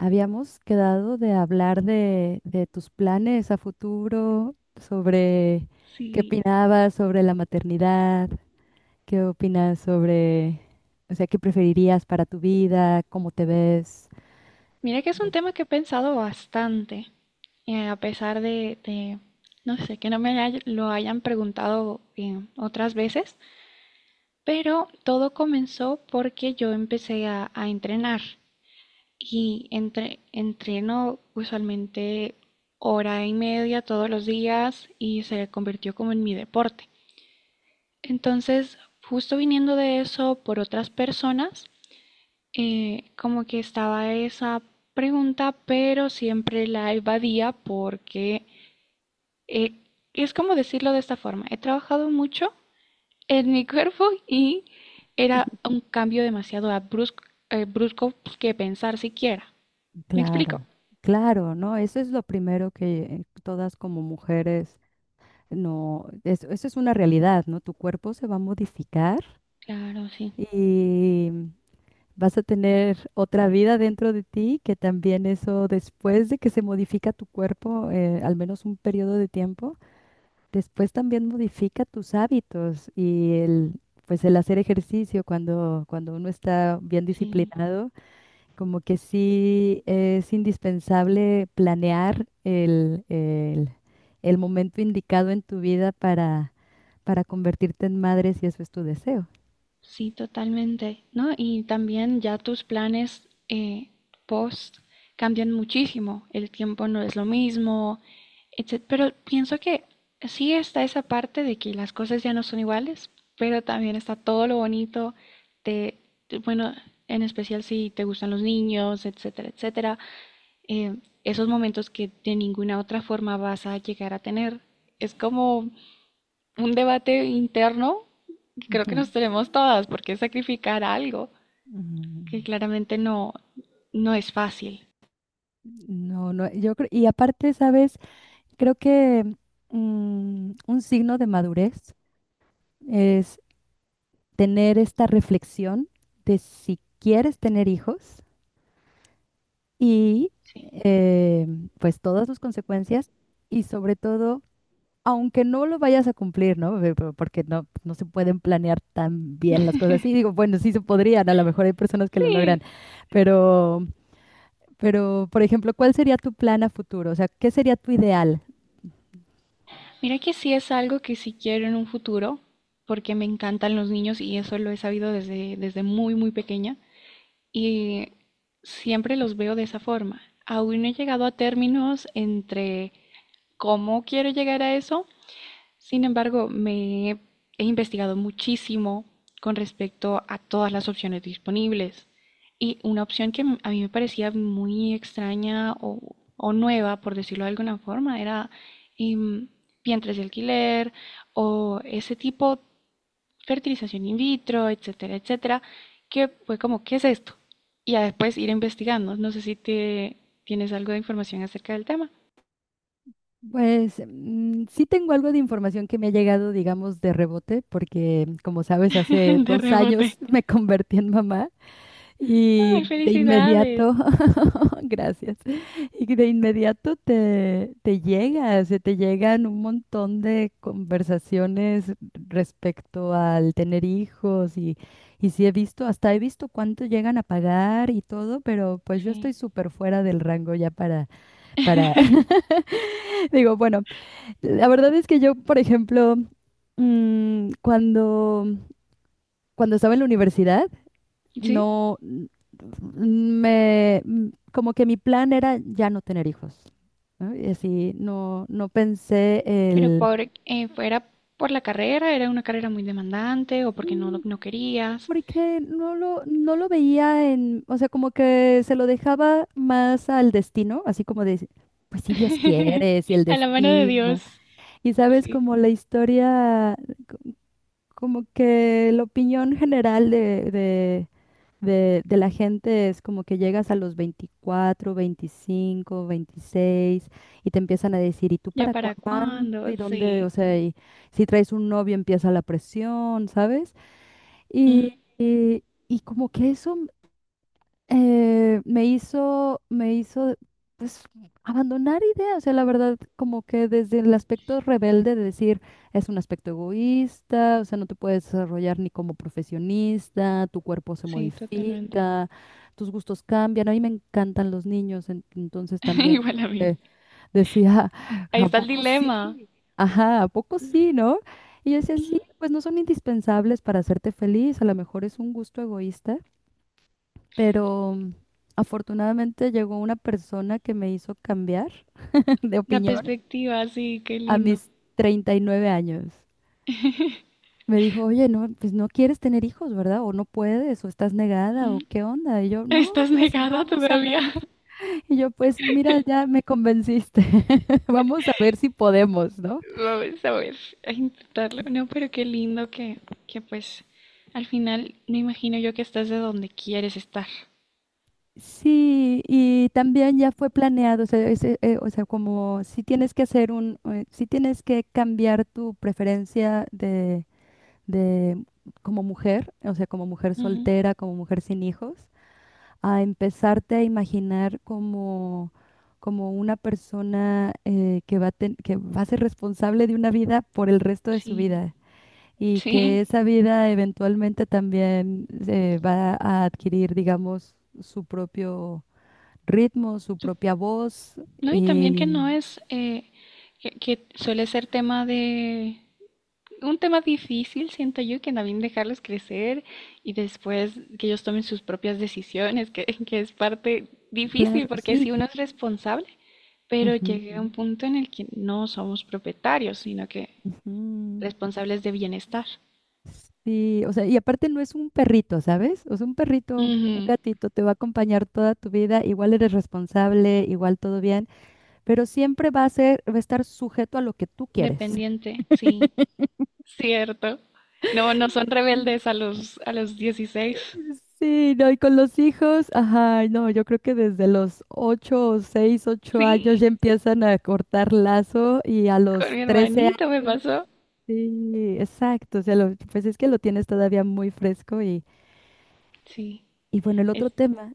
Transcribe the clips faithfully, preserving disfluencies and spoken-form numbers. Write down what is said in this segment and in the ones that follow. Habíamos quedado de hablar de, de tus planes a futuro, sobre qué Sí, opinabas sobre la maternidad, qué opinas sobre, o sea, qué preferirías para tu vida, cómo te ves. mira que es un Lo- tema que he pensado bastante, eh, a pesar de, de, no sé, que no me hay- lo hayan preguntado eh, otras veces, pero todo comenzó porque yo empecé a, a entrenar y entre, entreno usualmente hora y media todos los días y se convirtió como en mi deporte. Entonces, justo viniendo de eso por otras personas, eh, como que estaba esa pregunta, pero siempre la evadía porque eh, es como decirlo de esta forma. He trabajado mucho en mi cuerpo y era un cambio demasiado abrusco, eh, brusco pues, que pensar siquiera. ¿Me explico? Claro, claro, ¿no? Eso es lo primero que todas como mujeres, no, es- eso es una realidad, ¿no? Tu cuerpo se va a modificar Claro, sí, y vas a tener otra vida dentro de ti, que también eso después de que se modifica tu cuerpo, eh, al menos un periodo de tiempo, después también modifica tus hábitos y el, pues el hacer ejercicio cuando, cuando uno está bien sí. disciplinado, como que sí es indispensable planear el, el, el momento indicado en tu vida para, para convertirte en madre si eso es tu deseo. Sí, totalmente, ¿no? Y también ya tus planes eh, post cambian muchísimo, el tiempo no es lo mismo, etcétera. Pero pienso que sí está esa parte de que las cosas ya no son iguales, pero también está todo lo bonito de, de- bueno, en especial si te gustan los niños, etcétera, etcétera, eh, esos momentos que de ninguna otra forma vas a llegar a tener. Es como un debate interno que creo Ujú, que nos tenemos todas, porque sacrificar algo que ujú. claramente no, no es fácil. No, no, yo creo, y aparte, ¿sabes? Creo que mm, un signo de madurez es tener esta reflexión de si quieres tener hijos y Sí. eh, pues todas sus consecuencias y sobre todo, aunque no lo vayas a cumplir, ¿no? Ve- po- Porque no, no se pueden planear tan bien las cosas. Y digo, bueno, sí se podrían, a lo mejor hay personas que lo Sí. logran, pero, pero, por ejemplo, ¿cuál sería tu plan a futuro? O sea, ¿qué sería tu ideal? Mira que sí es algo que sí quiero en un futuro, porque me encantan los niños y eso lo he sabido desde, desde muy, muy pequeña. Y siempre los veo de esa forma. Aún no he llegado a términos entre cómo quiero llegar a eso. Sin embargo, me he he investigado muchísimo con respecto a todas las opciones disponibles. Y una opción que a mí me parecía muy extraña o, o nueva, por decirlo de alguna forma, era em, vientres de alquiler o ese tipo, fertilización in vitro, etcétera, etcétera, que fue como, ¿qué es esto? Y a después ir investigando. No sé si te tienes algo de información acerca del tema. Pues mm, sí tengo algo de información que me ha llegado, digamos, de rebote, porque como sabes, hace De dos rebote. años me convertí en mamá Ay, y de felicidades. inmediato, gracias, y de inmediato te, te, llega, se te llegan un montón de conversaciones respecto al tener hijos y, y sí he visto, hasta he visto cuánto llegan a pagar y todo, pero pues yo Sí. estoy súper fuera del rango ya para, para, digo, bueno, la verdad es que yo, por ejemplo, mm, cuando, cuando estaba en la universidad, Sí, no, mm, me mm, como que mi plan era ya no tener hijos, ¿no? Y así no, no pensé pero el por, eh, fue- ¿era por la carrera? ¿Era una carrera muy demandante o porque no, mm, lo- no querías? porque no lo, no lo veía en, o sea, como que se lo dejaba más al destino, así como de pues si Dios quiere, si el A la mano de destino. Dios. Y sabes, Sí. como la historia. Como que la opinión general de, de, de, de la gente es como que llegas a los veinticuatro veinticinco veintiséis y te empiezan a decir, ¿y tú ¿Ya para para cuándo? cuándo? ¿Y dónde? O Sí. sea, y si traes un novio empieza la presión, ¿sabes? Ujú. Y, y, y como que eso eh, me hizo, me hizo, pues, abandonar ideas. O sea, la verdad, como que desde el aspecto rebelde de decir, es un aspecto egoísta, o sea, no te puedes desarrollar ni como profesionista, tu cuerpo se Sí, totalmente. modifica, tus gustos cambian. A mí me encantan los niños, en- entonces también como Igual a mí. decía, Ahí ¿a está el poco dilema. sí? Ajá, ¿a poco Sí. sí, no? Y yo decía, sí, Ujú. pues no son indispensables para hacerte feliz, a lo mejor es un gusto egoísta, pero mm, afortunadamente llegó una persona que me hizo cambiar de La opinión perspectiva, sí, qué a lindo. mis treinta y nueve años. Me dijo, oye, no, pues no quieres tener hijos, ¿verdad? O no puedes, o estás negada, Ujú. o qué onda. Y yo, no, ¿Estás pues negada vamos a todavía? ver. Y yo, pues mira, ya me convenciste. Vamos a ver si podemos, ¿no? Vamos a ver, a intentarlo. No, pero qué lindo que, que pues al final me imagino yo que estás de donde quieres estar. Sí, y también ya fue planeado, o sea, ese, eh, o sea, como si tienes que hacer un, eh, si tienes que cambiar tu preferencia de de como mujer, o sea, como mujer Ujú. soltera, como mujer sin hijos, a empezarte a imaginar como, como una persona eh, que va a ten- que va a ser responsable de una vida por el resto de su Sí, vida y sí. que esa vida eventualmente también eh, va a adquirir, digamos, su propio ritmo, su Sup- propia voz. No, y también que Y no es, eh, que, que suele ser tema de, un tema difícil, siento yo, que también dejarlos crecer y después que ellos tomen sus propias decisiones, que, que es parte difícil claro, porque sí. si uno es responsable, pero llega un Ujú, punto en el que no somos propietarios, sino que ujú. responsables de bienestar. Sí, o sea, y aparte no es un perrito, ¿sabes? O sea, un perrito, un Ujú. gatito te va a acompañar toda tu vida, igual eres responsable, igual todo bien, pero siempre va a ser, va a estar sujeto a lo que tú quieres. Dependiente, sí, cierto. No, no son rebeldes a los, a los dieciséis. Sí, no, y con los hijos, ajá, no, yo creo que desde los ocho o seis, ocho años Sí, ya empiezan a cortar lazo y a los con mi trece hermanito me años, pasó. sí, exacto, o sea, lo- pues es que lo tienes todavía muy fresco y, Sí, y bueno, el es, otro tema,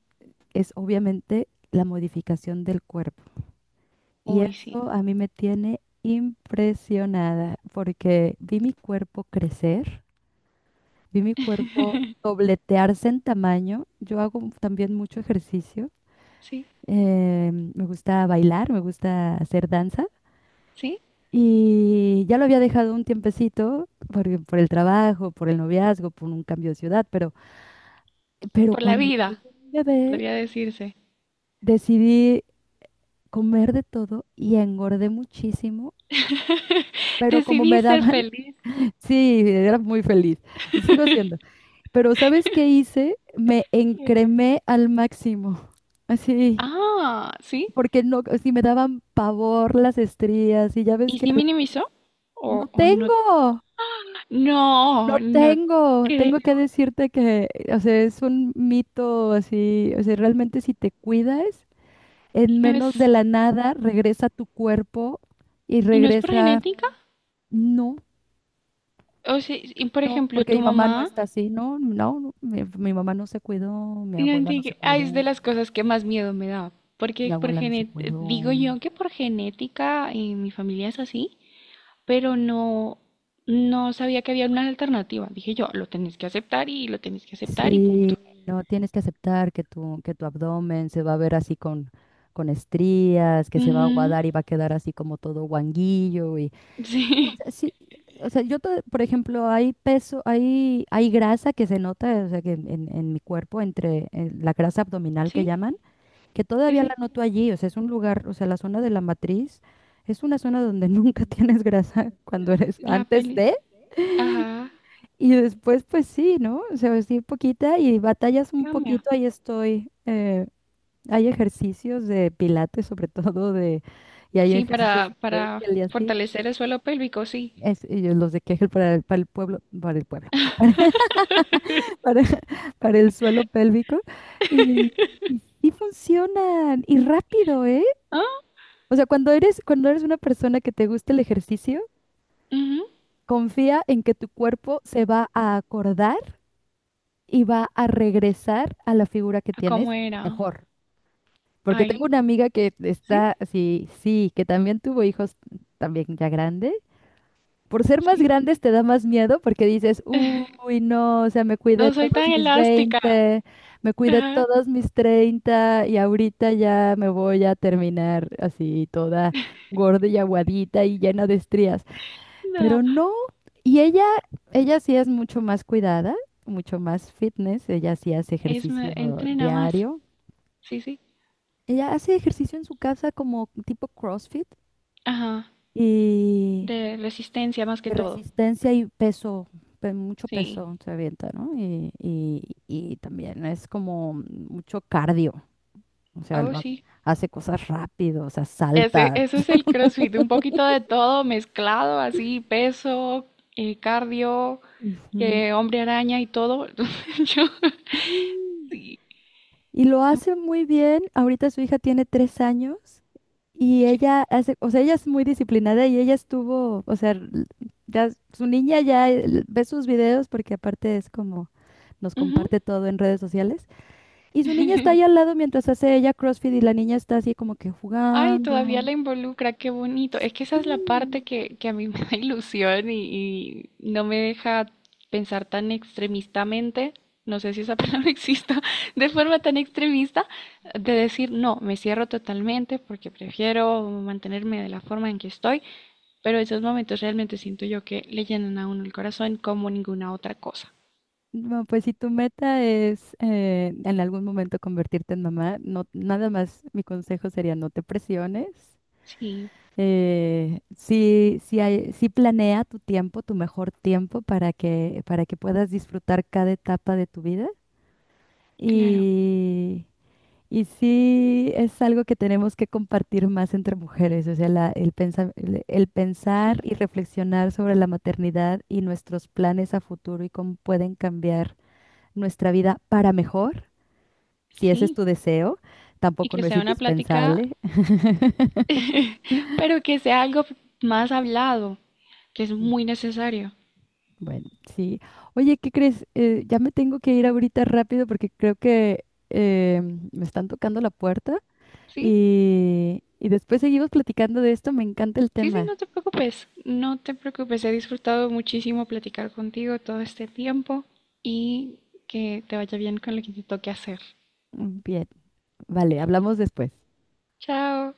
es obviamente la modificación del cuerpo. Y uy, sí, eso a mí me tiene impresionada porque vi mi cuerpo crecer, vi mi cuerpo dobletearse en tamaño. Yo hago m- también mucho ejercicio. sí, Eh, me gusta bailar, me gusta hacer danza. sí, Y ya lo había dejado un tiempecito por, por el trabajo, por el noviazgo, por un cambio de ciudad, pero, pero por la cuando vida, tuve mi bebé podría decirse. decidí comer de todo y engordé muchísimo pero como Decidí me ser daban, feliz. sí, era muy feliz y sigo siendo. Pero ¿sabes qué hice? Me encremé al máximo, así, Ah, sí. porque no, si me daban pavor las estrías y ya ves ¿Y que sí la- minimizó? no ¿O, o no? tengo, No, no no tengo, tengo que creo. decirte que, o sea, es un mito así, o sea, realmente si te cuidas, en ¿No menos de es, la nada regresa tu cuerpo y y no es por regresa, genética? no. O sea, y por No, ejemplo, porque tu mi mamá no mamá, está así, no, no, no, mi, mi mamá no se cuidó, mi no abuela no entiendo, se ah, es cuidó, de las cosas que más miedo me da. mi Porque por abuela no se gene- cuidó. Digo yo que por genética eh, mi familia es así, pero no, no sabía que había una alternativa. Dije yo, lo tenés que aceptar y lo tenés que aceptar y punto. Sí, no, tienes que aceptar que tu, que tu abdomen se va a ver así con, con estrías, que se va a Ujú. aguadar y va a quedar así como todo guanguillo y no, o Sí, sea, sí, o sea, yo, to- por ejemplo, hay peso, hay, hay grasa que se nota, o sea, que en, en, mi cuerpo, entre en la grasa abdominal que sí, llaman, que sí, todavía sí. la noto allí, o sea, es un lugar, o sea, la zona de la matriz es una zona donde nunca tienes grasa cuando eres La antes pelvis. de Ajá, y después pues sí, ¿no? O sea, sí poquita y batallas un cambia. poquito, ahí estoy. Eh, hay ejercicios de pilates sobre todo de y hay Sí, ejercicios para, de para Kegel y así. fortalecer el suelo pélvico, sí. Es, y yo los de Kegel para el, para el pueblo, para el pueblo, para, para, para el suelo pélvico. Y, y sí funcionan, y rápido, ¿eh? Ah, O sea, cuando eres, cuando eres una persona que te gusta el ejercicio, ujú. confía en que tu cuerpo se va a acordar y va a regresar a la figura que ¿A ¿Cómo tienes era? mejor. Porque Ay, tengo una amiga que sí, está así, sí, que también tuvo hijos también ya grande. Por ser más sí. grandes te da más miedo porque dices, uy, no, o sea, me cuidé No soy todos tan mis elástica. veinte, me cuidé Ajá, todos mis treinta y ahorita ya me voy a terminar así toda gorda y aguadita y llena de estrías. no. Pero no, y ella, ella sí es mucho más cuidada, mucho más fitness, ella sí hace Es, me- ejercicio entrena más. diario. Sí, sí. Ella hace ejercicio en su casa como tipo CrossFit Ajá. y De resistencia más que de todo. resistencia y peso, pe- mucho Sí. peso se avienta, ¿no? Y, y- y también es como mucho cardio, o sea, Oh, lo ha- sí. hace cosas rápido, o sea, Ese, salta. ese es el CrossFit, un poquito de todo mezclado, así, peso, eh, cardio, Ujú. eh, hombre araña y todo. Entonces, Yo, Sí, sí, y lo hace muy bien. Ahorita su hija tiene tres años y sí. ella hace, o sea, ella es muy disciplinada y ella estuvo, o sea, l- ya su niña ya eh, ve sus videos porque aparte es como nos Ujú. comparte todo en redes sociales. Y su niña está ahí al lado mientras hace ella CrossFit y la niña está así como que Ay, jugando. todavía la involucra, qué bonito. Es que esa Sí. es la parte que, que a mí me da ilusión y, y no me deja pensar tan extremistamente, no sé si esa palabra exista, de forma tan extremista, de decir, no, me cierro totalmente porque prefiero mantenerme de la forma en que estoy. Pero esos momentos realmente siento yo que le llenan a uno el corazón como ninguna otra cosa. No, pues si tu meta es eh, en algún momento convertirte en mamá, no, nada más mi consejo sería no te presiones. Sí, Eh, sí, sí hay- sí planea tu tiempo, tu mejor tiempo para que, para que, puedas disfrutar cada etapa de tu vida. claro, Y, y sí es algo que tenemos que compartir más entre mujeres, o sea, la- el pensar, el, el pensar sí, y reflexionar sobre la maternidad y nuestros planes a futuro y cómo pueden cambiar nuestra vida para mejor, si ese es sí. tu deseo, Y tampoco que no es sea una plática, indispensable. pero que sea algo más hablado, que es muy necesario. Bueno, sí. Oye, ¿qué crees? Eh, ya me tengo que ir ahorita rápido porque creo que eh, me están tocando la puerta Sí, y, y después seguimos platicando de esto. Me encanta el sí, sí, tema. no te preocupes, no te preocupes. He disfrutado muchísimo platicar contigo todo este tiempo y que te vaya bien con lo que te toque hacer. Mm, Bien, vale, hablamos después. Chao.